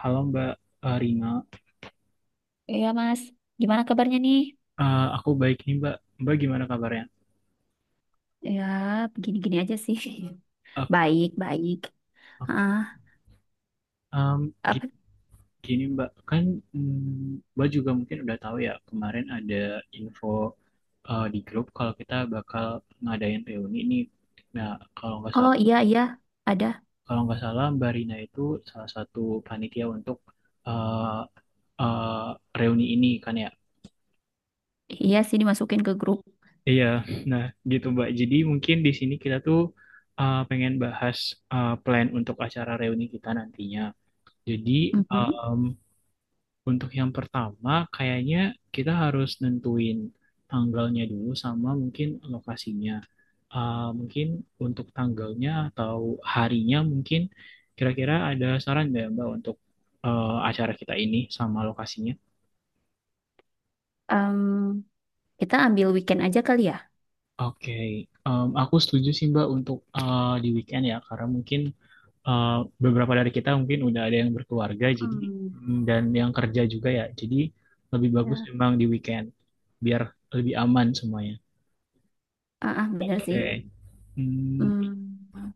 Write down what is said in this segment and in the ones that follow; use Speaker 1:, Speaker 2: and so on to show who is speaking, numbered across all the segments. Speaker 1: Halo Mbak Rina.
Speaker 2: Iya Mas, gimana kabarnya nih?
Speaker 1: Aku baik nih Mbak. Mbak gimana kabarnya?
Speaker 2: Ya, begini-gini aja sih.
Speaker 1: Oke,
Speaker 2: Baik, baik.
Speaker 1: oke.
Speaker 2: Ah,
Speaker 1: Em,
Speaker 2: apa?
Speaker 1: gi- gini Mbak, kan Mbak juga mungkin udah tahu ya kemarin ada info di grup kalau kita bakal ngadain reuni ini. Nah, kalau nggak
Speaker 2: Oh
Speaker 1: salah,
Speaker 2: iya iya, ada.
Speaker 1: kalau nggak salah, Mbak Rina itu salah satu panitia untuk eh, eh, reuni ini kan ya.
Speaker 2: Iya sih dimasukin ke grup.
Speaker 1: Iya, nah gitu Mbak. Jadi mungkin di sini kita tuh pengen bahas plan untuk acara reuni kita nantinya. Jadi
Speaker 2: Mhm.
Speaker 1: um, untuk yang pertama kayaknya kita harus nentuin tanggalnya dulu sama mungkin lokasinya. Mungkin untuk tanggalnya atau harinya mungkin kira-kira ada saran nggak Mbak untuk acara kita ini sama lokasinya?
Speaker 2: Em, kita ambil weekend aja kali ya.
Speaker 1: Oke, aku setuju sih Mbak untuk di weekend ya, karena mungkin eh, beberapa dari kita mungkin udah ada yang berkeluarga jadi
Speaker 2: Hmm.
Speaker 1: dan yang kerja juga ya. Jadi lebih bagus
Speaker 2: Ya.
Speaker 1: memang di weekend biar lebih aman semuanya.
Speaker 2: Ah, ah, bener sih.
Speaker 1: Oke. Hmm,
Speaker 2: Hmm,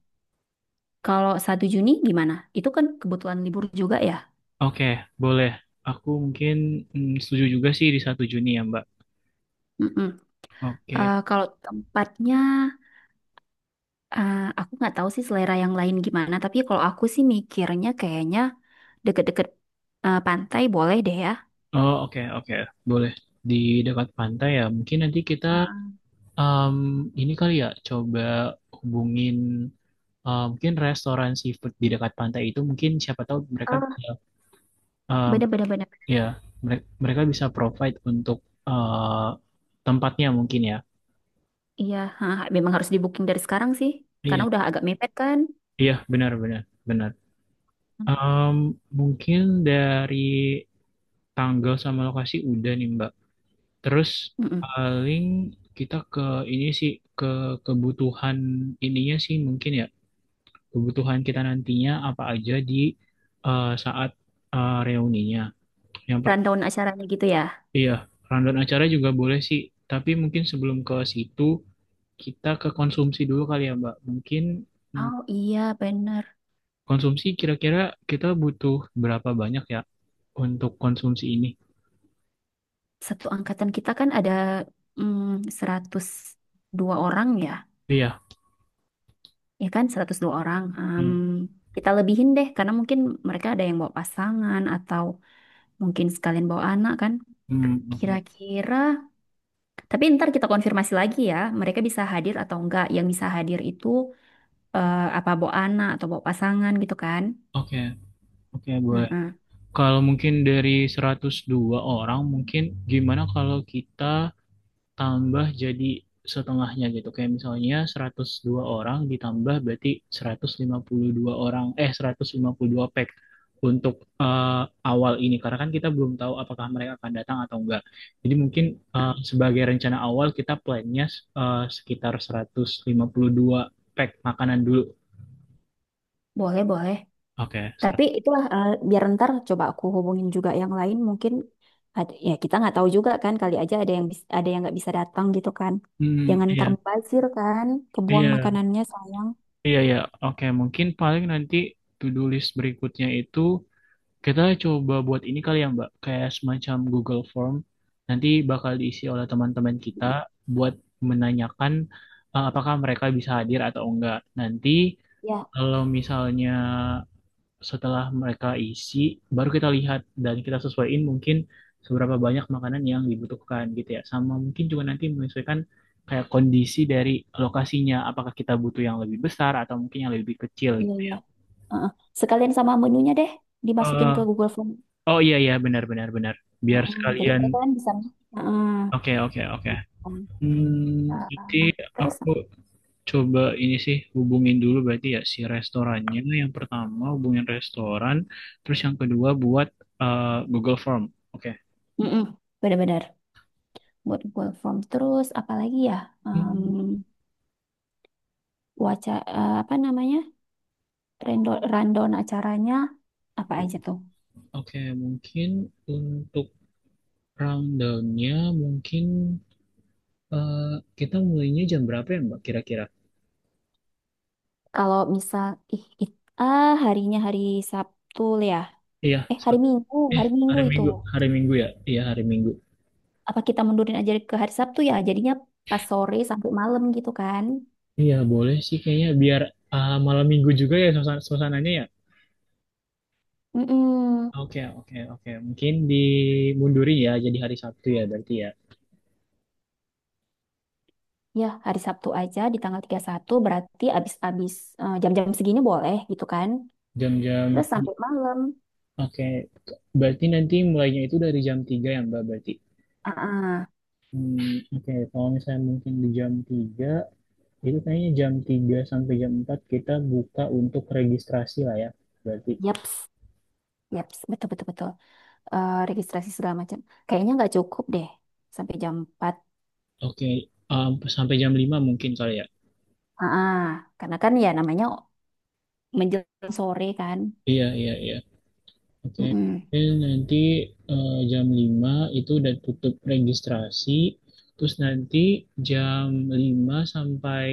Speaker 2: Kalau 1 Juni gimana? Itu kan kebetulan libur juga ya.
Speaker 1: oke, boleh. Aku mungkin setuju juga sih di satu Juni ya, Mbak.
Speaker 2: Mm-mm.
Speaker 1: Oke.
Speaker 2: Kalau tempatnya, aku nggak tahu sih selera yang lain gimana. Tapi kalau aku sih mikirnya kayaknya deket-deket pantai boleh deh ya.
Speaker 1: Oh, oke, oke. Boleh. Di dekat pantai ya. Mungkin nanti kita
Speaker 2: Ah,
Speaker 1: em, ini kali ya coba hubungin mungkin restoran seafood di dekat pantai itu mungkin siapa tahu mereka bisa
Speaker 2: bener-bener. Bener. Bener, bener.
Speaker 1: ya mereka bisa provide untuk eh, tempatnya mungkin ya.
Speaker 2: Iya, ha, ha, memang harus di booking dari sekarang sih, karena
Speaker 1: Iya,
Speaker 2: udah agak mepet kan.
Speaker 1: iya benar benar benar. Em, mungkin dari tanggal sama lokasi udah nih Mbak. Terus
Speaker 2: Mm-mm.
Speaker 1: paling kita ke ini sih ke kebutuhan ininya sih mungkin ya kebutuhan kita nantinya apa aja di saat reuninya. Yang per
Speaker 2: Rundown acaranya gitu ya.
Speaker 1: iya, rundown acara juga boleh sih, tapi mungkin sebelum ke situ kita ke konsumsi dulu kali ya, Mbak. Mungkin mm,
Speaker 2: Oh iya, bener.
Speaker 1: konsumsi kira-kira kita butuh berapa banyak ya untuk konsumsi ini?
Speaker 2: Satu angkatan kita kan ada 102 orang ya,
Speaker 1: Iya.
Speaker 2: ya kan 102 orang.
Speaker 1: Iya.
Speaker 2: Kita lebihin deh, karena mungkin mereka ada yang bawa pasangan atau mungkin sekalian bawa anak kan.
Speaker 1: Hmm, oke.
Speaker 2: Kira-kira. Tapi ntar kita konfirmasi lagi ya, mereka bisa hadir atau enggak. Yang bisa hadir itu apa bawa anak atau bawa pasangan gitu kan?
Speaker 1: Oke, oke, boleh.
Speaker 2: Heeh.
Speaker 1: Kalau mungkin dari 102 orang, mungkin gimana kalau kita tambah jadi setengahnya gitu. Kayak misalnya 102 orang ditambah berarti 152 orang, eh 152 pack untuk eh, awal ini. Karena kan kita belum tahu apakah mereka akan datang atau enggak. Jadi mungkin sebagai rencana awal kita plannya sekitar 152 pack makanan dulu.
Speaker 2: Boleh, boleh.
Speaker 1: Oke.
Speaker 2: Tapi itulah biar ntar coba aku hubungin juga yang lain mungkin ada, ya kita nggak tahu juga kan kali aja ada yang nggak bisa datang gitu kan.
Speaker 1: Hmm,
Speaker 2: Jangan ntar
Speaker 1: iya,
Speaker 2: mubazir kan, kebuang
Speaker 1: iya,
Speaker 2: makanannya sayang.
Speaker 1: iya, iya. Oke, mungkin paling nanti to-do list berikutnya itu kita coba buat ini kali ya, Mbak, kayak semacam Google Form. Nanti bakal diisi oleh teman-teman kita buat menanyakan apakah mereka bisa hadir atau enggak. Nanti
Speaker 2: Ya,
Speaker 1: kalau misalnya setelah mereka isi, baru kita lihat dan kita sesuaiin mungkin seberapa banyak makanan yang dibutuhkan gitu ya. Sama mungkin juga nanti menyesuaikan kayak kondisi dari lokasinya, apakah kita butuh yang lebih besar atau mungkin yang lebih kecil
Speaker 2: iya
Speaker 1: gitu
Speaker 2: iya.
Speaker 1: ya.
Speaker 2: Heeh. Sekalian sama menunya deh dimasukin
Speaker 1: Eh,
Speaker 2: ke Google Form.
Speaker 1: oh, iya iya benar benar benar. Biar
Speaker 2: Heeh, jadi
Speaker 1: sekalian
Speaker 2: mereka kan bisa. Heeh.
Speaker 1: Oke, oke, oke. Jadi
Speaker 2: Um, terus
Speaker 1: aku coba ini sih hubungin dulu berarti ya si restorannya. Yang pertama hubungin restoran, terus yang kedua buat eh, Google Form. Oke.
Speaker 2: Mm-mm, benar-benar buat work from terus apalagi ya um,
Speaker 1: Hmm,
Speaker 2: waca apa namanya rundown acaranya apa aja tuh
Speaker 1: oke, mungkin untuk rundownnya mungkin eh, kita mulainya jam berapa ya Mbak kira-kira?
Speaker 2: kalau misal ih it, ah harinya hari Sabtu ya
Speaker 1: Iya, Sab- eh
Speaker 2: Hari Minggu itu
Speaker 1: Hari Minggu ya. Iya, hari Minggu.
Speaker 2: apa kita mundurin aja ke hari Sabtu ya jadinya pas sore sampai malam gitu kan.
Speaker 1: Iya, boleh sih kayaknya biar malam Minggu juga ya suasananya ya.
Speaker 2: Mm-mm.
Speaker 1: Oke, oke, oke. Mungkin dimundurin ya jadi hari Sabtu ya berarti ya.
Speaker 2: Ya hari Sabtu aja di tanggal 31 berarti abis-abis jam-jam segini boleh gitu kan
Speaker 1: Jam-jam,
Speaker 2: terus sampai malam.
Speaker 1: oke. Berarti nanti mulainya itu dari jam 3 ya, Mbak, berarti.
Speaker 2: Ah,
Speaker 1: Hmm, oke, kalau misalnya mungkin di jam 3 itu kayaknya jam 3 sampai jam 4 kita buka untuk registrasi lah ya, berarti.
Speaker 2: yaps, yaps, betul betul betul. Registrasi segala macam. Kayaknya nggak cukup deh sampai jam 4.
Speaker 1: Oke, um, sampai jam 5 mungkin kali ya.
Speaker 2: Ah, karena kan ya namanya menjelang sore kan.
Speaker 1: Iya, iya, iya. Oke,
Speaker 2: Mm-mm.
Speaker 1: jadi nanti jam 5 itu udah tutup registrasi, terus nanti jam 5 sampai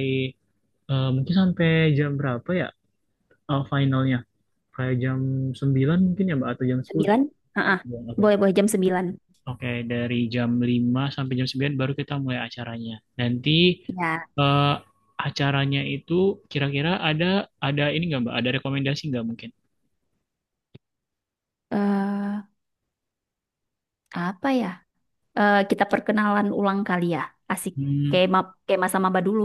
Speaker 1: mungkin sampai jam berapa ya finalnya? Kayak jam 9 mungkin ya Mbak atau jam 10 ya?
Speaker 2: Sembilan. Ah,
Speaker 1: Ya, oke.
Speaker 2: boleh boleh jam 9.
Speaker 1: Oke, dari jam 5 sampai jam 9 baru kita mulai acaranya. Nanti
Speaker 2: Ya.
Speaker 1: eh, acaranya itu kira-kira ada ini nggak Mbak? Ada rekomendasi nggak mungkin?
Speaker 2: Eh, apa ya? Kita perkenalan ulang kali ya. Asik.
Speaker 1: Hmm.
Speaker 2: Kayak ma kayak masa maba dulu.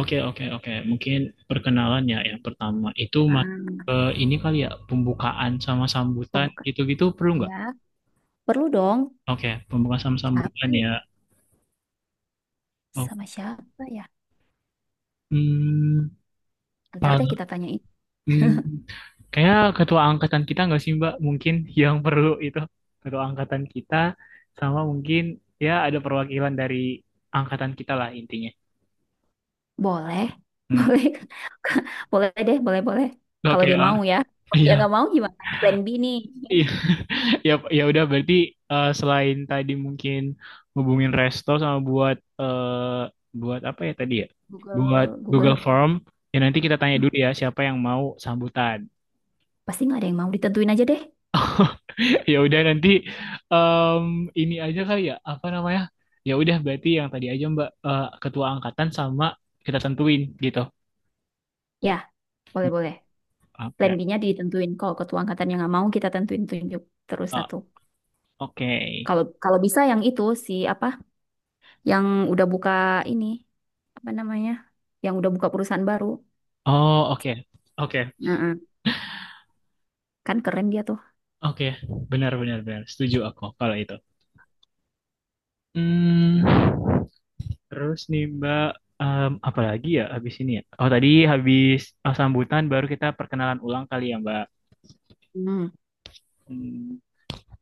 Speaker 1: Oke, oke, oke. Mungkin perkenalan ya yang pertama itu
Speaker 2: Ah,
Speaker 1: ini kali ya pembukaan sama sambutan
Speaker 2: pembuka.
Speaker 1: gitu-gitu perlu nggak?
Speaker 2: Ya, perlu dong.
Speaker 1: Oke, pembukaan sama
Speaker 2: Siapa
Speaker 1: sambutan ya.
Speaker 2: ya?
Speaker 1: Oh,
Speaker 2: Sama siapa ya?
Speaker 1: hmm,
Speaker 2: Ntar deh
Speaker 1: pal-
Speaker 2: kita tanyain.
Speaker 1: hmm, kayak ketua angkatan kita nggak sih Mbak? Mungkin yang perlu itu ketua angkatan kita sama mungkin ya ada perwakilan dari angkatan kita lah intinya.
Speaker 2: Boleh,
Speaker 1: Hmm,
Speaker 2: boleh, boleh deh, boleh, boleh. Kalau
Speaker 1: oke,
Speaker 2: dia
Speaker 1: ah,
Speaker 2: mau ya. Kalau dia
Speaker 1: iya,
Speaker 2: nggak mau gimana? Plan B nih.
Speaker 1: iya. Ya, ya udah berarti selain tadi mungkin hubungin resto sama buat eh, buat apa ya tadi ya? Buat
Speaker 2: Google,
Speaker 1: Google
Speaker 2: Google.
Speaker 1: Form. Ya nanti kita tanya
Speaker 2: Nah,
Speaker 1: dulu ya siapa yang mau sambutan.
Speaker 2: pasti nggak ada yang mau ditentuin aja deh.
Speaker 1: Ya udah nanti em, ini aja kali ya apa namanya? Ya udah berarti yang tadi aja Mbak ketua angkatan sama kita tentuin gitu.
Speaker 2: Ya, boleh, boleh. Plan
Speaker 1: Oke.
Speaker 2: B-nya ditentuin. Kalau ketua angkatannya nggak mau, kita tentuin tunjuk terus
Speaker 1: Oh,
Speaker 2: satu.
Speaker 1: oke.
Speaker 2: Kalau kalau bisa yang itu si apa? Yang udah buka ini apa namanya? Yang udah buka perusahaan baru.
Speaker 1: Oh, oke. Oke.
Speaker 2: Nah, kan keren dia tuh.
Speaker 1: Oke. Benar benar benar. Setuju aku kalau itu. Hmm. Terus nih Mbak, apa lagi ya habis ini ya? Oh tadi habis sambutan baru kita perkenalan ulang kali ya Mbak.
Speaker 2: Hmm.
Speaker 1: Hmm,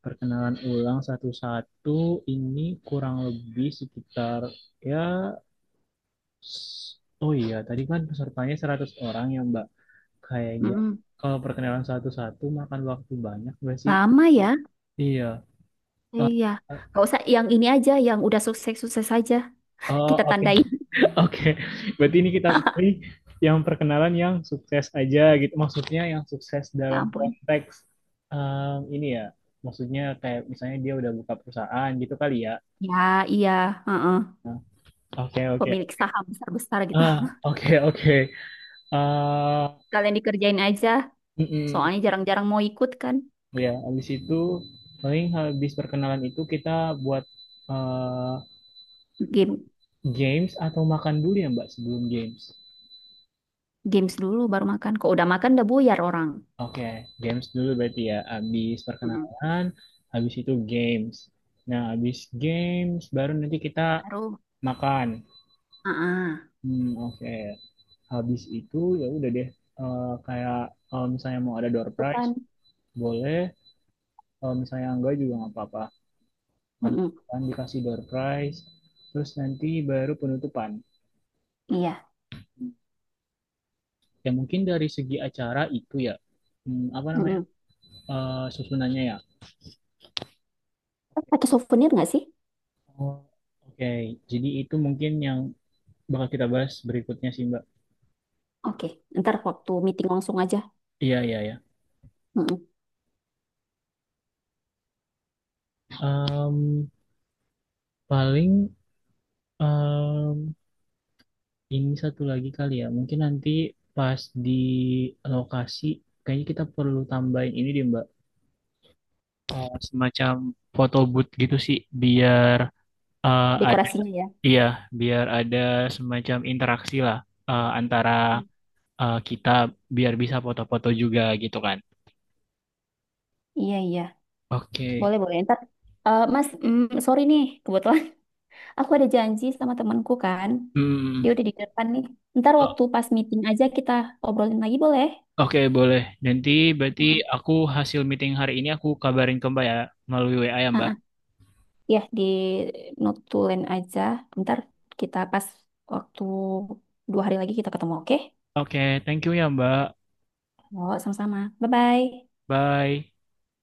Speaker 1: perkenalan ulang satu-satu ini kurang lebih sekitar ya s- oh iya tadi kan pesertanya 100 orang ya Mbak. Kayaknya
Speaker 2: Mm-mm.
Speaker 1: kalau perkenalan satu-satu makan waktu banyak nggak sih?
Speaker 2: Lama ya?
Speaker 1: Iya. Eh,
Speaker 2: Iya.
Speaker 1: eh,
Speaker 2: Gak usah yang ini aja, yang udah sukses-sukses aja.
Speaker 1: oh,
Speaker 2: Kita
Speaker 1: oke.
Speaker 2: tandain.
Speaker 1: Oke, berarti ini kita pilih yang perkenalan yang sukses aja gitu. Maksudnya yang sukses
Speaker 2: Ya
Speaker 1: dalam
Speaker 2: ampun.
Speaker 1: konteks ini ya. Maksudnya kayak misalnya dia udah buka perusahaan gitu kali ya.
Speaker 2: Ya, iya. Heeh.
Speaker 1: Nah, oke, oke.
Speaker 2: Pemilik saham besar-besar gitu.
Speaker 1: Ah, oke, oke. Ah,
Speaker 2: Kalian dikerjain aja.
Speaker 1: mm-mm.
Speaker 2: Soalnya jarang-jarang mau ikut kan.
Speaker 1: Ya, habis itu paling habis perkenalan itu kita buat eh,
Speaker 2: Game,
Speaker 1: games atau makan dulu ya, Mbak, sebelum games.
Speaker 2: games dulu baru makan. Kok udah makan udah buyar orang.
Speaker 1: Oke, games dulu berarti ya. Habis
Speaker 2: Mm-mm.
Speaker 1: perkenalan, habis itu games. Nah, habis games baru nanti kita
Speaker 2: Baru.
Speaker 1: makan.
Speaker 2: Heeh.
Speaker 1: Hmm, oke. Habis itu ya udah deh. Kayak kalau misalnya mau ada door
Speaker 2: Itu
Speaker 1: prize,
Speaker 2: kan.
Speaker 1: boleh. Kalau misalnya enggak juga nggak apa-apa. Habis
Speaker 2: Mm-mm.
Speaker 1: makan dikasih door prize, terus nanti baru penutupan.
Speaker 2: Iya.
Speaker 1: Ya mungkin dari segi acara itu ya, apa namanya?
Speaker 2: Mm-mm.
Speaker 1: Susunannya ya.
Speaker 2: Pakai souvenir nggak sih?
Speaker 1: Oh, oke, jadi itu mungkin yang bakal kita bahas berikutnya sih Mbak.
Speaker 2: Oke. Ntar waktu meeting langsung aja.
Speaker 1: Iya iya ya.
Speaker 2: Mm-mm.
Speaker 1: Paling em, ini satu lagi kali ya. Mungkin nanti pas di lokasi kayaknya kita perlu tambahin ini deh Mbak. Semacam foto booth gitu sih biar ada
Speaker 2: Dekorasinya ya.
Speaker 1: iya biar ada semacam interaksi lah antara
Speaker 2: Mm.
Speaker 1: kita biar bisa foto-foto juga gitu kan.
Speaker 2: Iya, iya.
Speaker 1: Oke.
Speaker 2: Boleh, boleh. Ntar. Mas, sorry nih. Kebetulan aku ada janji sama temanku kan. Dia
Speaker 1: Hmm.
Speaker 2: udah di depan nih. Ntar waktu pas meeting aja kita obrolin lagi boleh?
Speaker 1: Oke, boleh. Nanti berarti
Speaker 2: Heeh.
Speaker 1: aku hasil meeting hari ini aku kabarin ke Mbak ya melalui WA ya,
Speaker 2: Ah,
Speaker 1: Mbak.
Speaker 2: ah. Ya, di notulen aja. Ntar kita pas waktu 2 hari lagi kita ketemu, oke?
Speaker 1: Oke, thank you ya, Mbak.
Speaker 2: Oh, sama-sama. Bye-bye.
Speaker 1: Bye.